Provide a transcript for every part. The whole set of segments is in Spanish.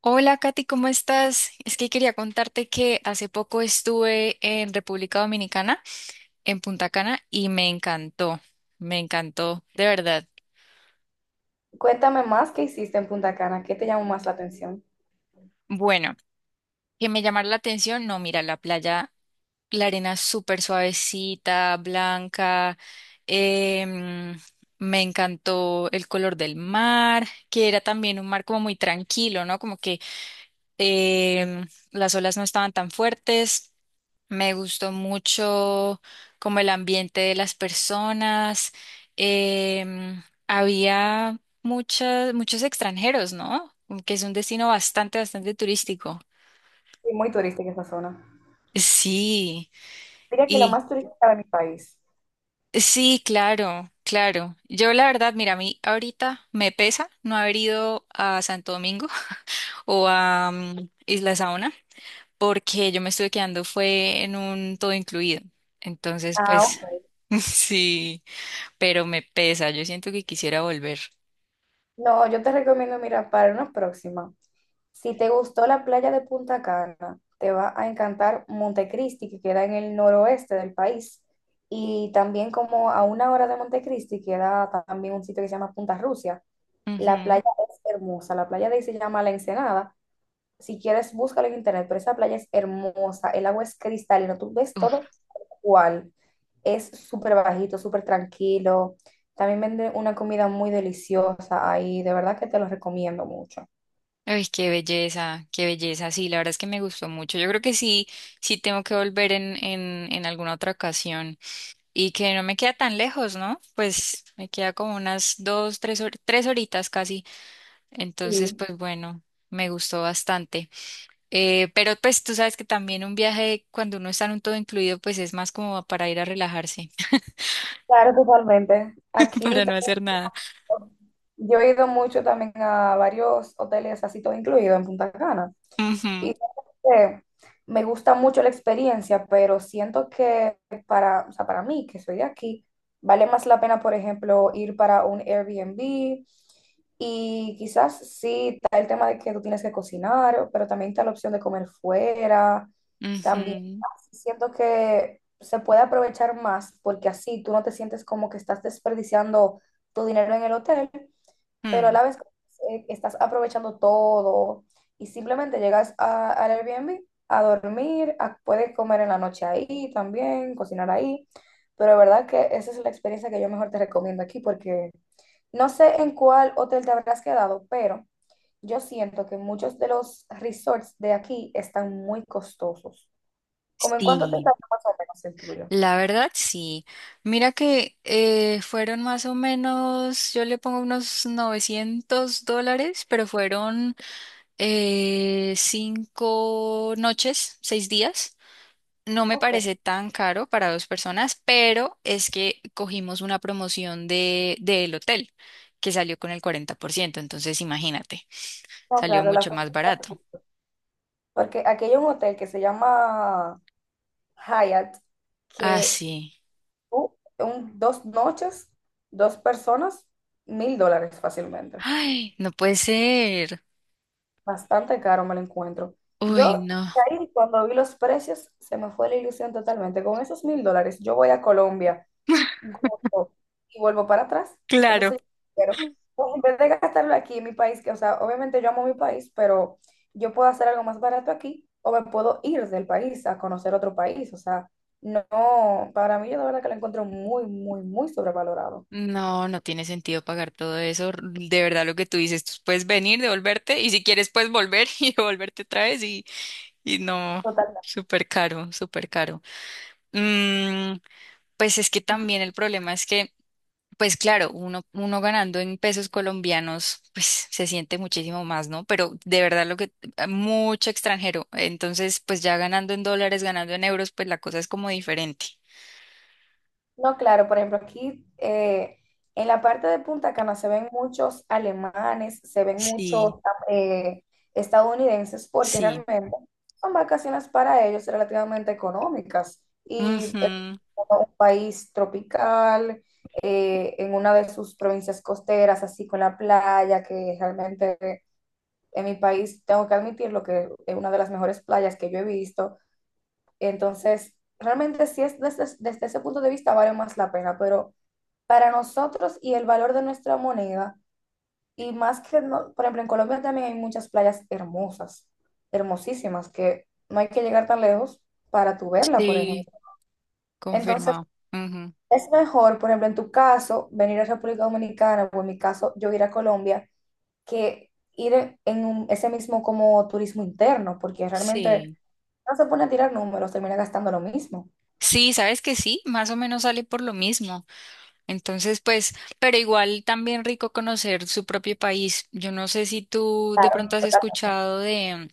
Hola Katy, ¿cómo estás? Es que quería contarte que hace poco estuve en República Dominicana, en Punta Cana, y me encantó, de verdad. Cuéntame más qué hiciste en Punta Cana, qué te llamó más la atención. Bueno, que me llamara la atención, no, mira, la playa, la arena súper suavecita, blanca, em, me encantó el color del mar, que era también un mar como muy tranquilo, ¿no? Como que las olas no estaban tan fuertes. Me gustó mucho como el ambiente de las personas. em, Había muchos extranjeros, ¿no? Que es un destino bastante, bastante turístico. Sí, muy turística esa zona. Sí, Diría que la y más turística de mi país. sí, claro, claro. Yo la verdad, mira, a mí ahorita me pesa no haber ido a Santo Domingo o a Isla Saona, porque yo me estuve quedando fue en un todo incluido. Entonces, Ah, pues ok. sí, pero me pesa, yo siento que quisiera volver. No, yo te recomiendo, mira, para una próxima. Si te gustó la playa de Punta Cana, te va a encantar Montecristi, que queda en el noroeste del país. Y también como a una hora de Montecristi queda también un sitio que se llama Punta Rusia. La Ujú. playa es hermosa, la playa de ahí se llama La Ensenada. Si quieres, búscalo en internet, pero esa playa es hermosa, el agua es cristalina, tú ves Uf, todo cual. Es súper bajito, súper tranquilo. También venden una comida muy deliciosa ahí, de verdad que te lo recomiendo mucho. ay, qué belleza, qué belleza. Sí, la verdad es que me gustó mucho. Yo creo que sí, sí tengo que volver en alguna otra ocasión, y que no me queda tan lejos, ¿no? Pues me queda como unas dos, tres, 3 horitas casi. Entonces, Sí, pues bueno, me gustó bastante. Pero pues tú sabes que también un viaje cuando uno está en un todo incluido pues es más como para ir a relajarse, claro, totalmente. para Aquí no también, hacer nada. yo he ido mucho también a varios hoteles, así todo incluido en Punta Cana. Ujú, Y eh, me gusta mucho la experiencia, pero siento que para, o sea, para mí, que soy de aquí, vale más la pena, por ejemplo, ir para un Airbnb, y quizás sí está el tema de que tú tienes que cocinar, pero también está la opción de comer fuera. También ujú, siento que se puede aprovechar más porque así tú no te sientes como que estás desperdiciando tu dinero en el hotel, pero a mm. la vez estás aprovechando todo y simplemente llegas al Airbnb a dormir, puedes comer en la noche ahí también, cocinar ahí. Pero de verdad que esa es la experiencia que yo mejor te recomiendo aquí, porque no sé en cuál hotel te habrás quedado, pero yo siento que muchos de los resorts de aquí están muy costosos. ¿Cómo en cuánto te Sí, sale más o menos el tuyo? la verdad sí. Mira que fueron más o menos, yo le pongo unos $900, pero fueron 5 noches, 6 días. No me Ok, parece tan caro para dos personas, pero es que cogimos una promoción del hotel que salió con el 40%. Entonces imagínate, no, salió claro, la mucho más barato. porque aquí hay un hotel que se llama Hyatt, Ah, que sí. tú, 2 noches, dos personas, 1000 dólares fácilmente. Ay, no puede ser. Bastante caro me lo encuentro. Uy, Yo no. ahí cuando vi los precios se me fue la ilusión totalmente. Con esos 1000 dólares yo voy a Colombia gordo y vuelvo para atrás. Claro. Entonces, pero pues, en vez de gastarlo aquí en mi país, que, o sea, obviamente yo amo mi país, pero yo puedo hacer algo más barato aquí o me puedo ir del país a conocer otro país. O sea, no, para mí, yo de verdad que lo encuentro muy, muy, muy sobrevalorado. No, no tiene sentido pagar todo eso. De verdad, lo que tú dices, tú puedes venir, devolverte, y si quieres, puedes volver y devolverte otra vez. Y no, Total. súper caro, súper caro. Mm, pues es que también el problema es que. Pues claro, uno ganando en pesos colombianos, pues se siente muchísimo más, ¿no? Pero de verdad lo que, mucho extranjero. Entonces, pues ya ganando en dólares, ganando en euros, pues la cosa es como diferente. No, claro, por ejemplo, aquí en la parte de Punta Cana se ven muchos alemanes, se ven muchos Sí, eh, estadounidenses, porque sí. realmente son vacaciones para ellos relativamente económicas. Y es Ujú, como un país tropical, en una de sus provincias costeras, así con la playa, que realmente, en mi país, tengo que admitirlo, que es una de las mejores playas que yo he visto. Entonces, realmente sí es, desde ese punto de vista, vale más la pena, pero para nosotros y el valor de nuestra moneda, y más que, por ejemplo, en Colombia también hay muchas playas hermosas, hermosísimas, que no hay que llegar tan lejos para tu verla, por ejemplo. sí, Entonces, confirmado. Ujú, es mejor, por ejemplo, en tu caso, venir a República Dominicana, o en mi caso, yo ir a Colombia, que ir ese mismo como turismo interno, porque realmente, sí. no se pone a tirar números, termina gastando lo mismo. Sí, sabes que sí, más o menos sale por lo mismo. Entonces, pues, pero igual también rico conocer su propio país. Yo no sé si tú de pronto has escuchado de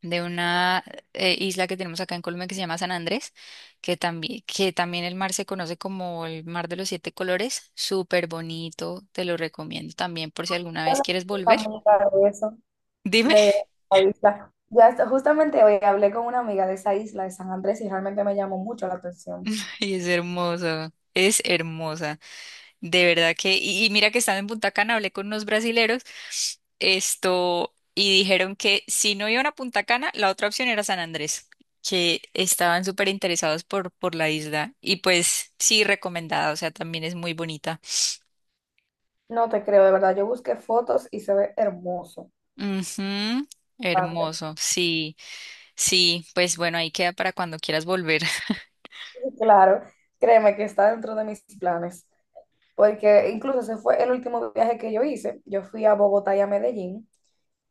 de una isla que tenemos acá en Colombia que se llama San Andrés, que también el mar se conoce como el mar de los siete colores, súper bonito, te lo recomiendo también por si alguna vez Hola, quieres volver. amiga Dime, de la isla. Ya justamente hoy hablé con una amiga de esa isla de San Andrés y realmente me llamó mucho la atención. y es hermoso, es hermosa. De verdad que, y mira que estando en Punta Cana, hablé con unos brasileros, esto, y dijeron que si no iban a Punta Cana, la otra opción era San Andrés, que estaban súper interesados por la isla. Y pues sí, recomendada, o sea, también es muy bonita. No te creo, de verdad. Yo busqué fotos y se ve hermoso. Ujú, Bastante. hermoso, sí, sí, pues bueno, ahí queda para cuando quieras volver. Y claro, créeme que está dentro de mis planes, porque incluso ese fue el último viaje que yo hice. Yo fui a Bogotá y a Medellín.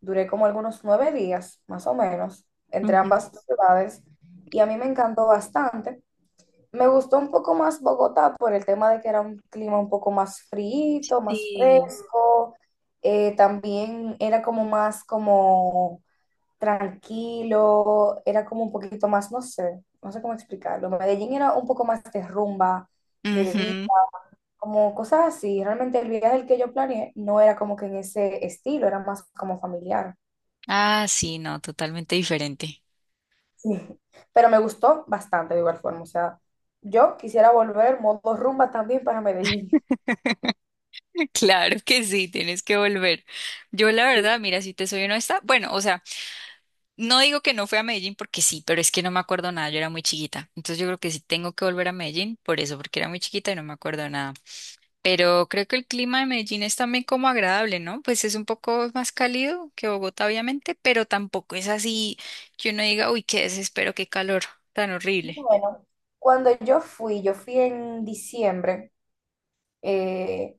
Duré como algunos 9 días, más o menos, entre Ujú. ambas ciudades, y a mí me encantó bastante. Me gustó un poco más Bogotá por el tema de que era un clima un poco más frío, más Sí. fresco. También era como más como tranquilo, era como un poquito más, no sé, no sé cómo explicarlo. Medellín era un poco más de rumba, de bebida, Ujú. como cosas así. Realmente el viaje el que yo planeé no era como que en ese estilo, era más como familiar. Ah, sí, no, totalmente diferente. Sí. Pero me gustó bastante de igual forma. O sea, yo quisiera volver modo rumba también para Medellín. Claro que sí, tienes que volver. Yo la verdad, mira, si te soy honesta, bueno, o sea, no digo que no fue a Medellín porque sí, pero es que no me acuerdo nada, yo era muy chiquita. Entonces yo creo que sí tengo que volver a Medellín por eso, porque era muy chiquita y no me acuerdo nada. Pero creo que el clima de Medellín es también como agradable, ¿no? Pues es un poco más cálido que Bogotá, obviamente, pero tampoco es así que uno diga, uy, qué desespero, qué calor tan horrible. Bueno, cuando yo fui en diciembre, eh,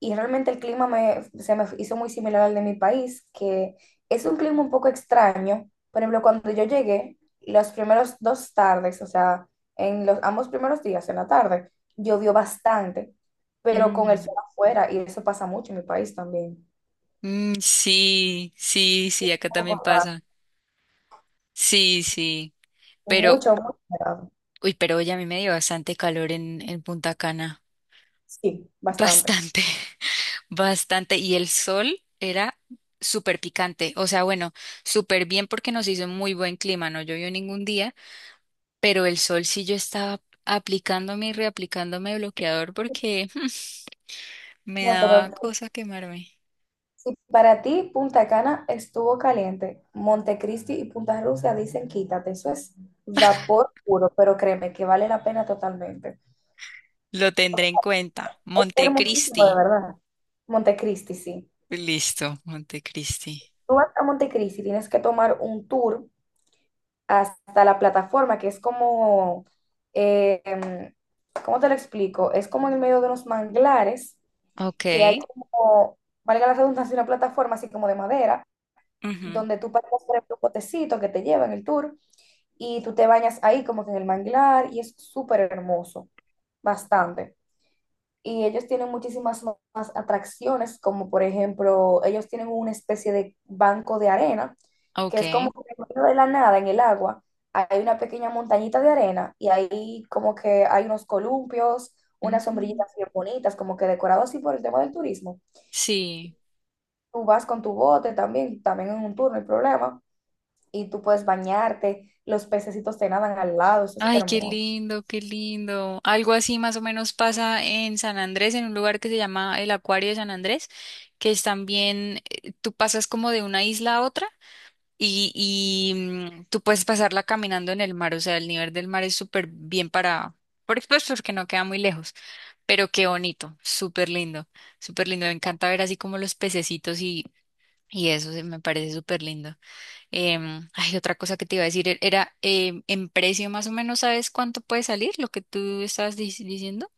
y realmente el clima se me hizo muy similar al de mi país, que es un clima un poco extraño. Por ejemplo, cuando yo llegué, los primeros dos tardes, o sea, en los ambos primeros días, en la tarde, llovió bastante, pero con el Mm. sol afuera, y eso pasa mucho en mi país también. Mm, sí, sí, sí, Un acá poco también raro. pasa. Sí, sí. Pero, Mucho, mucho raro. Uy, pero hoy a mí me dio bastante calor en Punta Cana. Sí, bastante. Bastante, bastante. Y el sol era súper picante. O sea, bueno, súper bien porque nos hizo muy buen clima. No llovió ningún día, pero el sol sí yo estaba aplicándome y reaplicándome bloqueador porque me No, pero daba cosa quemarme. si para ti Punta Cana estuvo caliente, Montecristi y Punta Rusia dicen quítate, eso es vapor puro, pero créeme que vale la pena totalmente. Lo tendré en cuenta. Es hermosísimo, de Montecristi. verdad. Montecristi, sí. Listo, Montecristi. Tú vas a Montecristi, tienes que tomar un tour hasta la plataforma, que es como, eh, em, ¿cómo te lo explico? Es como en el medio de unos manglares, Ok. que hay como, valga la redundancia, una plataforma así como de madera, Ujú, donde tú pasas por el potecito que te lleva en el tour, y tú te bañas ahí como que en el manglar y es súper hermoso, bastante. Y ellos tienen muchísimas más atracciones, como por ejemplo, ellos tienen una especie de banco de arena, que ok. es como que en medio de la nada, en el agua, hay una pequeña montañita de arena, y ahí como que hay unos columpios, unas Ujú. sombrillitas bien bonitas, como que decorados así por el tema del turismo. Sí. Tú vas con tu bote también, también en un tour, no hay problema, y tú puedes bañarte, los pececitos te nadan al lado, eso es Ay, qué hermoso. lindo, qué lindo. Algo así más o menos pasa en San Andrés, en un lugar que se llama el Acuario de San Andrés, que es también, tú pasas como de una isla a otra y tú puedes pasarla caminando en el mar, o sea, el nivel del mar es súper bien para, por pues porque no queda muy lejos, pero qué bonito, súper lindo, súper lindo. Me encanta ver así como los pececitos y eso, se me parece súper lindo. Ay, otra cosa que te iba a decir era, en precio más o menos, ¿sabes cuánto puede salir lo que tú estabas diciendo?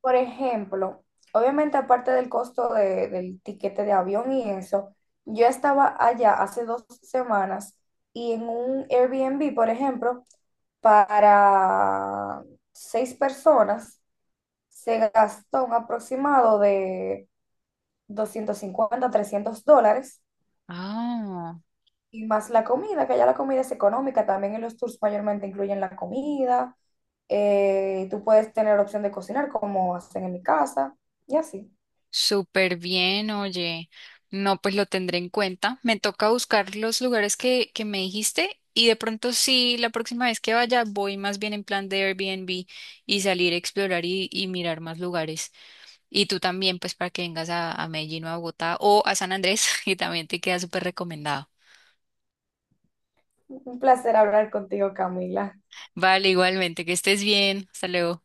Por ejemplo, obviamente, aparte del costo del tiquete de avión y eso, yo estaba allá hace 2 semanas, y en un Airbnb, por ejemplo, para seis personas se gastó un aproximado de 250 a 300 dólares, Ah, y más la comida, que ya la comida es económica, también en los tours mayormente incluyen la comida. Tú puedes tener opción de cocinar como hacen en mi casa y así. súper bien, oye. No, pues lo tendré en cuenta. Me toca buscar los lugares que me dijiste y de pronto sí, la próxima vez que vaya voy más bien en plan de Airbnb y salir a explorar y mirar más lugares. Y tú también, pues para que vengas a Medellín o a Bogotá o a San Andrés, y también te queda súper recomendado. Un placer hablar contigo, Camila. Vale, igualmente, que estés bien. Hasta luego.